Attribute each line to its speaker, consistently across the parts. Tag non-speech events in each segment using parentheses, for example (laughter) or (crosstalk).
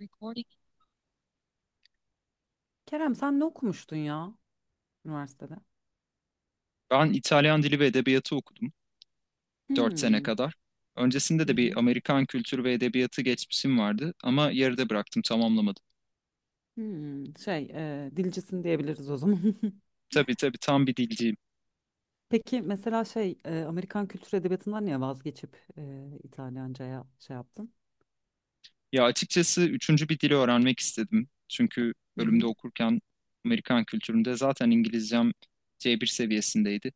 Speaker 1: Recording.
Speaker 2: Kerem sen ne okumuştun ya üniversitede?
Speaker 1: Ben İtalyan dili ve edebiyatı okudum 4 sene
Speaker 2: Hmm.
Speaker 1: kadar. Öncesinde
Speaker 2: Hı
Speaker 1: de bir
Speaker 2: hı.
Speaker 1: Amerikan kültürü ve edebiyatı geçmişim vardı ama yarıda bıraktım, tamamlamadım.
Speaker 2: Hmm. Dilcisin diyebiliriz o zaman. (laughs)
Speaker 1: Tabii tabii tam bir dilciyim.
Speaker 2: Peki mesela Amerikan kültür edebiyatından niye vazgeçip İtalyanca'ya şey yaptın?
Speaker 1: Ya açıkçası üçüncü bir dili öğrenmek istedim. Çünkü
Speaker 2: Hı
Speaker 1: bölümde
Speaker 2: hı.
Speaker 1: okurken Amerikan kültüründe zaten İngilizcem C1 seviyesindeydi.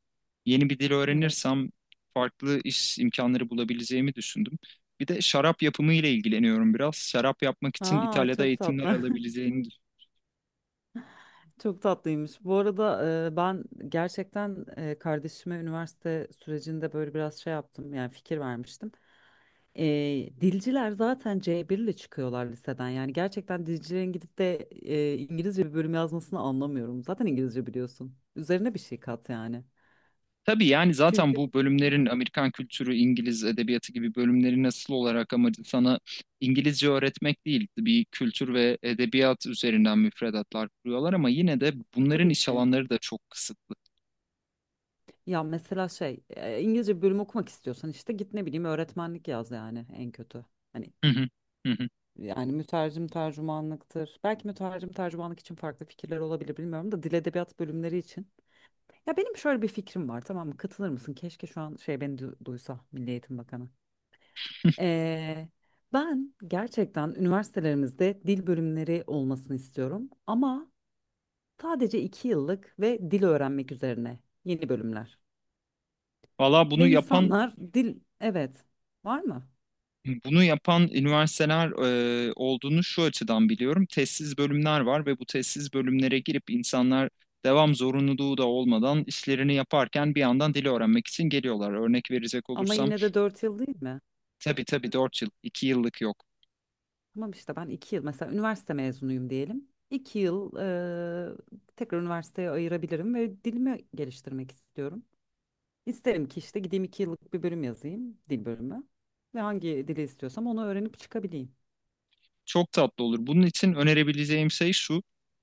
Speaker 1: Yeni bir dil
Speaker 2: Evet.
Speaker 1: öğrenirsem farklı iş imkanları bulabileceğimi düşündüm. Bir de şarap yapımı ile ilgileniyorum biraz. Şarap yapmak için
Speaker 2: Aa
Speaker 1: İtalya'da
Speaker 2: çok
Speaker 1: eğitimler
Speaker 2: tatlı. (laughs)
Speaker 1: alabileceğini.
Speaker 2: Çok tatlıymış. Bu arada ben gerçekten kardeşime üniversite sürecinde böyle biraz şey yaptım. Yani fikir vermiştim. Dilciler zaten C1 ile çıkıyorlar liseden. Yani gerçekten dilcilerin gidip de İngilizce bir bölüm yazmasını anlamıyorum. Zaten İngilizce biliyorsun. Üzerine bir şey kat yani.
Speaker 1: Tabii yani zaten
Speaker 2: Çünkü
Speaker 1: bu bölümlerin Amerikan kültürü, İngiliz edebiyatı gibi bölümlerin asıl olarak amacı sana İngilizce öğretmek değil, bir kültür ve edebiyat üzerinden müfredatlar kuruyorlar ama yine de bunların
Speaker 2: Tabii
Speaker 1: iş
Speaker 2: ki.
Speaker 1: alanları da çok kısıtlı.
Speaker 2: Ya mesela İngilizce bir bölüm okumak istiyorsan işte git ne bileyim öğretmenlik yaz yani en kötü. Hani
Speaker 1: Hı hı, hı hı.
Speaker 2: yani mütercim tercümanlıktır. Belki mütercim tercümanlık için farklı fikirler olabilir bilmiyorum da dil edebiyat bölümleri için. Ya benim şöyle bir fikrim var, tamam mı? Katılır mısın? Keşke şu an şey beni duysa Milli Eğitim Bakanı. Ee, Ben gerçekten üniversitelerimizde dil bölümleri olmasını istiyorum. Ama sadece iki yıllık ve dil öğrenmek üzerine yeni bölümler.
Speaker 1: Valla bunu
Speaker 2: Ve
Speaker 1: yapan
Speaker 2: insanlar dil, evet, var mı?
Speaker 1: bunu yapan üniversiteler olduğunu şu açıdan biliyorum. Tezsiz bölümler var ve bu tezsiz bölümlere girip insanlar devam zorunluluğu da olmadan işlerini yaparken bir yandan dili öğrenmek için geliyorlar. Örnek verecek
Speaker 2: Ama
Speaker 1: olursam.
Speaker 2: yine de dört yıl değil mi?
Speaker 1: Tabii tabii 4 yıl. İki yıllık yok.
Speaker 2: Tamam, işte ben iki yıl mesela üniversite mezunuyum diyelim. İki yıl eee, tekrar üniversiteye ayırabilirim ve dilimi geliştirmek istiyorum. İsterim ki işte gideyim iki yıllık bir bölüm yazayım, dil bölümü. Ve hangi dili istiyorsam onu öğrenip çıkabileyim.
Speaker 1: Çok tatlı olur. Bunun için önerebileceğim şey şu.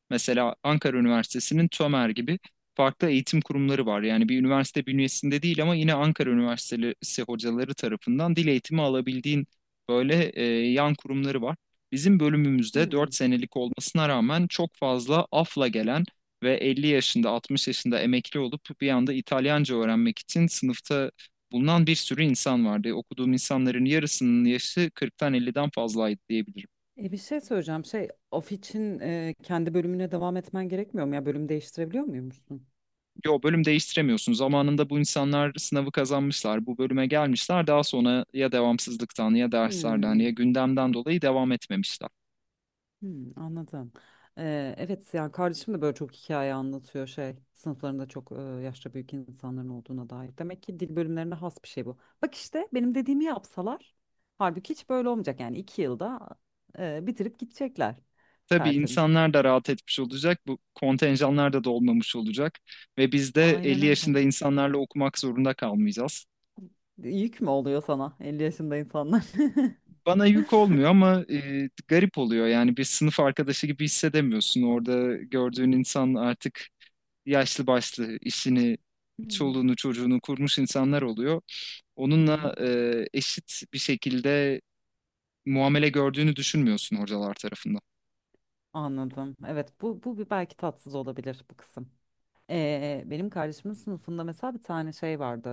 Speaker 1: Mesela Ankara Üniversitesi'nin TÖMER gibi farklı eğitim kurumları var. Yani bir üniversite bünyesinde değil ama yine Ankara Üniversitesi hocaları tarafından dil eğitimi alabildiğin böyle yan kurumları var. Bizim bölümümüzde 4
Speaker 2: Hmm.
Speaker 1: senelik olmasına rağmen çok fazla afla gelen ve 50 yaşında 60 yaşında emekli olup bir anda İtalyanca öğrenmek için sınıfta bulunan bir sürü insan vardı. Okuduğum insanların yarısının yaşı 40'tan 50'den fazlaydı diyebilirim.
Speaker 2: E, bir şey söyleyeceğim. Şey, of için kendi bölümüne devam etmen gerekmiyor mu? Ya bölüm değiştirebiliyor muymuşsun?
Speaker 1: Yo bölüm değiştiremiyorsun. Zamanında bu insanlar sınavı kazanmışlar. Bu bölüme gelmişler. Daha sonra ya devamsızlıktan ya derslerden ya
Speaker 2: Hmm.
Speaker 1: gündemden dolayı devam etmemişler.
Speaker 2: Hmm, anladım. E, evet yani kardeşim de böyle çok hikaye anlatıyor şey. Sınıflarında çok yaşça büyük insanların olduğuna dair. Demek ki dil bölümlerine has bir şey bu. Bak işte benim dediğimi yapsalar. Halbuki hiç böyle olmayacak. Yani iki yılda bitirip gidecekler.
Speaker 1: Tabii
Speaker 2: Tertemiz.
Speaker 1: insanlar da rahat etmiş olacak. Bu kontenjanlar da dolmamış olacak. Ve biz de
Speaker 2: Aynen
Speaker 1: 50
Speaker 2: öyle.
Speaker 1: yaşında insanlarla okumak zorunda kalmayacağız.
Speaker 2: Yük mü oluyor sana 50 yaşında insanlar? (laughs)
Speaker 1: Bana yük olmuyor ama garip oluyor. Yani bir sınıf arkadaşı gibi hissedemiyorsun. Orada gördüğün insan artık yaşlı başlı işini,
Speaker 2: Hmm.
Speaker 1: çoluğunu, çocuğunu kurmuş insanlar oluyor.
Speaker 2: Hı hı.
Speaker 1: Onunla eşit bir şekilde muamele gördüğünü düşünmüyorsun hocalar tarafından.
Speaker 2: Anladım. Evet bu, bu bir belki tatsız olabilir bu kısım. Benim kardeşimin sınıfında mesela bir tane şey vardı.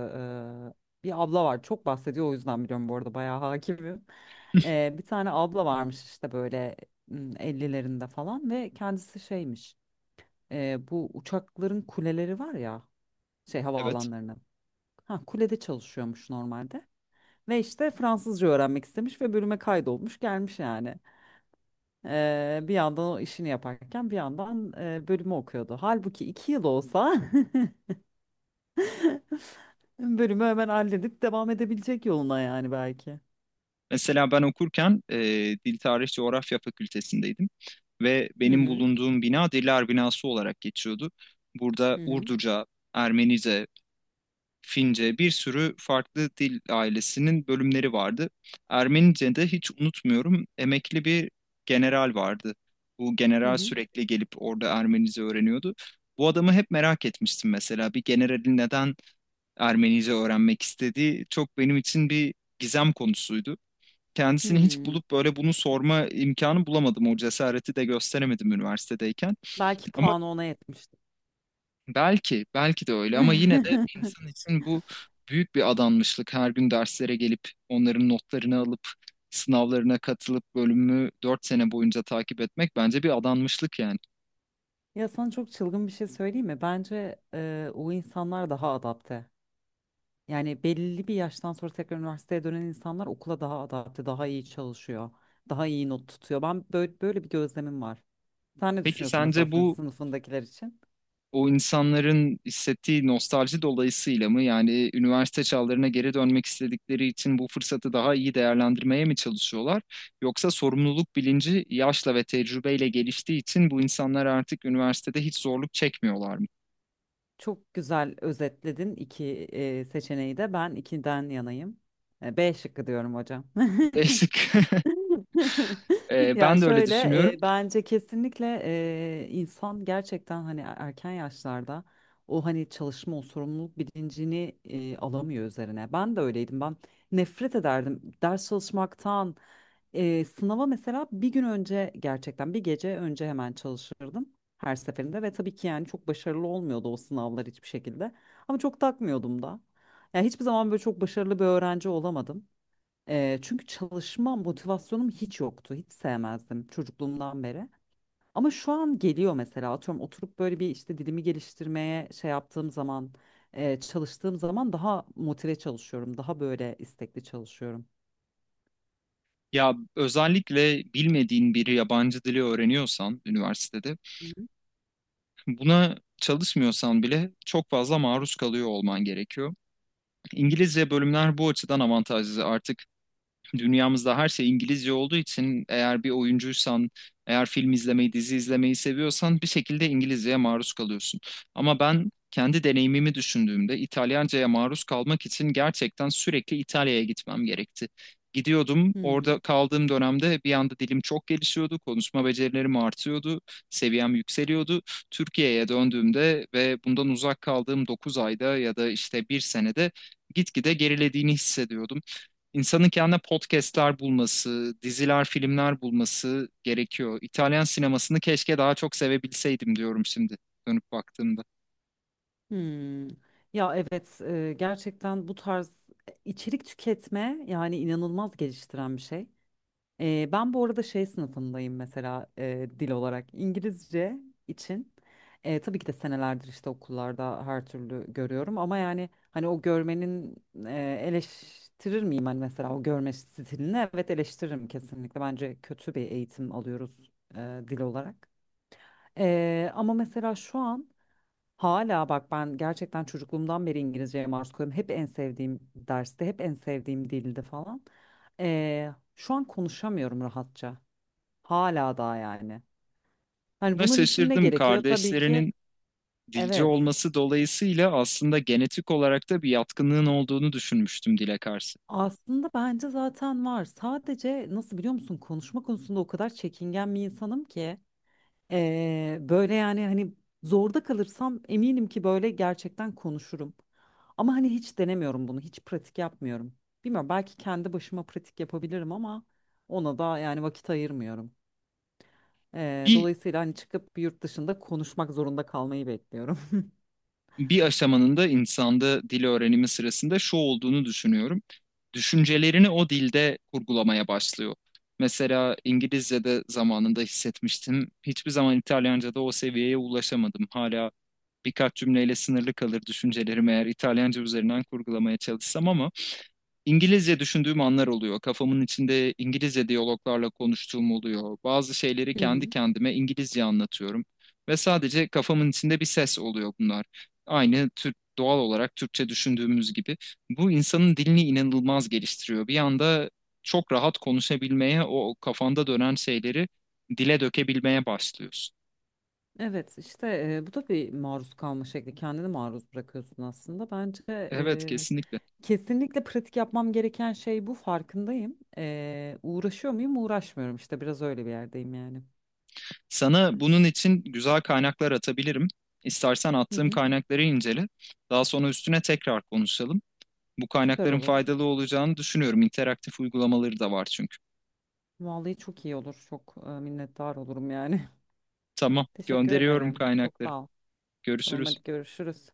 Speaker 2: Bir abla var. Çok bahsediyor o yüzden biliyorum, bu arada bayağı hakimim. Bir tane abla varmış işte böyle, hmm, 50'lerinde falan ve kendisi şeymiş. Bu uçakların kuleleri var ya, şey,
Speaker 1: Evet.
Speaker 2: havaalanlarının. Ha, kulede çalışıyormuş normalde. Ve işte Fransızca öğrenmek istemiş ve bölüme kaydolmuş, gelmiş yani. Bir yandan o işini yaparken bir yandan bölümü okuyordu. Halbuki iki yıl olsa (laughs) bölümü hemen halledip devam edebilecek yoluna yani belki.
Speaker 1: Mesela ben okurken Dil Tarih Coğrafya Fakültesindeydim ve
Speaker 2: Hı
Speaker 1: benim
Speaker 2: hı
Speaker 1: bulunduğum bina Diller Binası olarak geçiyordu. Burada
Speaker 2: hı hı
Speaker 1: Urduca, Ermenice, Fince, bir sürü farklı dil ailesinin bölümleri vardı. Ermenice'de hiç unutmuyorum emekli bir general vardı. Bu
Speaker 2: hı
Speaker 1: general
Speaker 2: hı.
Speaker 1: sürekli gelip orada Ermenice öğreniyordu. Bu adamı hep merak etmiştim mesela. Bir generalin neden Ermenice öğrenmek istediği çok benim için bir gizem konusuydu. Kendisini hiç
Speaker 2: Hmm.
Speaker 1: bulup böyle bunu sorma imkanı bulamadım. O cesareti de gösteremedim üniversitedeyken.
Speaker 2: Belki
Speaker 1: Ama
Speaker 2: puanı ona yetmişti.
Speaker 1: belki, belki de öyle ama yine de bir
Speaker 2: (laughs)
Speaker 1: insan için bu büyük bir adanmışlık. Her gün derslere gelip onların notlarını alıp sınavlarına katılıp bölümü 4 sene boyunca takip etmek bence bir adanmışlık yani.
Speaker 2: Ya sana çok çılgın bir şey söyleyeyim mi? Bence o insanlar daha adapte. Yani belli bir yaştan sonra tekrar üniversiteye dönen insanlar okula daha adapte, daha iyi çalışıyor, daha iyi not tutuyor. Ben böyle, böyle bir gözlemim var. Sen ne
Speaker 1: Peki
Speaker 2: düşünüyorsun mesela
Speaker 1: sence
Speaker 2: senin
Speaker 1: bu
Speaker 2: sınıfındakiler için?
Speaker 1: o insanların hissettiği nostalji dolayısıyla mı, yani üniversite çağlarına geri dönmek istedikleri için bu fırsatı daha iyi değerlendirmeye mi çalışıyorlar? Yoksa sorumluluk bilinci yaşla ve tecrübeyle geliştiği için bu insanlar artık üniversitede hiç zorluk çekmiyorlar mı?
Speaker 2: Çok güzel özetledin iki seçeneği de. Ben ikiden yanayım. E, B şıkkı diyorum hocam. (laughs)
Speaker 1: Değişik. (laughs)
Speaker 2: (laughs) Ya
Speaker 1: Ben de öyle
Speaker 2: şöyle,
Speaker 1: düşünüyorum.
Speaker 2: bence kesinlikle insan gerçekten hani erken yaşlarda o hani çalışma, o sorumluluk bilincini alamıyor üzerine. Ben de öyleydim. Ben nefret ederdim ders çalışmaktan. Sınava mesela bir gün önce, gerçekten bir gece önce hemen çalışırdım her seferinde ve tabii ki yani çok başarılı olmuyordu o sınavlar hiçbir şekilde. Ama çok takmıyordum da. Yani hiçbir zaman böyle çok başarılı bir öğrenci olamadım. Çünkü çalışma motivasyonum hiç yoktu. Hiç sevmezdim çocukluğumdan beri. Ama şu an geliyor mesela, atıyorum, oturup böyle bir işte dilimi geliştirmeye şey yaptığım zaman, çalıştığım zaman daha motive çalışıyorum. Daha böyle istekli çalışıyorum.
Speaker 1: Ya özellikle bilmediğin bir yabancı dili öğreniyorsan üniversitede
Speaker 2: Hı hı.
Speaker 1: buna çalışmıyorsan bile çok fazla maruz kalıyor olman gerekiyor. İngilizce bölümler bu açıdan avantajlı. Artık dünyamızda her şey İngilizce olduğu için eğer bir oyuncuysan, eğer film izlemeyi, dizi izlemeyi seviyorsan bir şekilde İngilizceye maruz kalıyorsun. Ama ben kendi deneyimimi düşündüğümde İtalyanca'ya maruz kalmak için gerçekten sürekli İtalya'ya gitmem gerekti. Gidiyordum,
Speaker 2: Hmm.
Speaker 1: orada kaldığım dönemde bir anda dilim çok gelişiyordu, konuşma becerilerim artıyordu, seviyem yükseliyordu. Türkiye'ye döndüğümde ve bundan uzak kaldığım 9 ayda ya da işte bir senede gitgide gerilediğini hissediyordum. İnsanın kendine podcastler bulması, diziler, filmler bulması gerekiyor. İtalyan sinemasını keşke daha çok sevebilseydim diyorum şimdi dönüp baktığımda.
Speaker 2: Hmm. Ya evet, gerçekten bu tarz içerik tüketme yani inanılmaz geliştiren bir şey. Ben bu arada şey sınıfındayım mesela, dil olarak İngilizce için. Tabii ki de senelerdir işte okullarda her türlü görüyorum ama yani hani o görmenin, eleştirir miyim hani mesela o görme stilini? Evet eleştiririm kesinlikle. Bence kötü bir eğitim alıyoruz, dil olarak. Ama mesela şu an hala, bak, ben gerçekten çocukluğumdan beri İngilizceye maruz kalıyorum. Hep en sevdiğim derste, hep en sevdiğim dildi falan. E, Şu an konuşamıyorum rahatça. Hala daha yani. Hani
Speaker 1: Buna
Speaker 2: bunun için ne
Speaker 1: şaşırdım.
Speaker 2: gerekiyor? Tabii ki
Speaker 1: Kardeşlerinin dilci
Speaker 2: evet.
Speaker 1: olması dolayısıyla aslında genetik olarak da bir yatkınlığın olduğunu düşünmüştüm dile karşı.
Speaker 2: Aslında bence zaten var. Sadece nasıl, biliyor musun? Konuşma konusunda o kadar çekingen bir insanım ki. Böyle yani hani zorda kalırsam eminim ki böyle gerçekten konuşurum. Ama hani hiç denemiyorum bunu. Hiç pratik yapmıyorum. Bilmiyorum, belki kendi başıma pratik yapabilirim ama ona da yani vakit ayırmıyorum.
Speaker 1: Bir
Speaker 2: Dolayısıyla hani çıkıp bir yurt dışında konuşmak zorunda kalmayı bekliyorum.
Speaker 1: bir aşamanın da insanda dil öğrenimi sırasında şu olduğunu düşünüyorum. Düşüncelerini o dilde kurgulamaya başlıyor. Mesela İngilizce'de zamanında hissetmiştim. Hiçbir zaman İtalyanca'da o seviyeye ulaşamadım. Hala birkaç cümleyle sınırlı kalır düşüncelerimi eğer İtalyanca üzerinden kurgulamaya çalışsam, ama İngilizce düşündüğüm anlar oluyor. Kafamın içinde İngilizce diyaloglarla konuştuğum oluyor. Bazı şeyleri
Speaker 2: (laughs) Hı
Speaker 1: kendi
Speaker 2: hı.
Speaker 1: kendime İngilizce anlatıyorum ve sadece kafamın içinde bir ses oluyor bunlar. Aynı Türk doğal olarak Türkçe düşündüğümüz gibi. Bu insanın dilini inanılmaz geliştiriyor. Bir anda çok rahat konuşabilmeye, o kafanda dönen şeyleri dile dökebilmeye başlıyorsun.
Speaker 2: Evet işte, bu da bir maruz kalma şekli. Kendini maruz bırakıyorsun aslında. Bence
Speaker 1: Evet, kesinlikle.
Speaker 2: kesinlikle pratik yapmam gereken şey bu, farkındayım. E, uğraşıyor muyum? Uğraşmıyorum işte, biraz öyle bir yerdeyim yani.
Speaker 1: Sana bunun için güzel kaynaklar atabilirim. İstersen
Speaker 2: Hı
Speaker 1: attığım
Speaker 2: hı.
Speaker 1: kaynakları incele. Daha sonra üstüne tekrar konuşalım. Bu
Speaker 2: Süper
Speaker 1: kaynakların
Speaker 2: olur.
Speaker 1: faydalı olacağını düşünüyorum. İnteraktif uygulamaları da var çünkü.
Speaker 2: Vallahi çok iyi olur. Çok minnettar olurum yani.
Speaker 1: Tamam,
Speaker 2: (laughs) Teşekkür
Speaker 1: gönderiyorum
Speaker 2: ederim. Çok
Speaker 1: kaynakları.
Speaker 2: sağ ol. Tamam, hadi
Speaker 1: Görüşürüz.
Speaker 2: görüşürüz.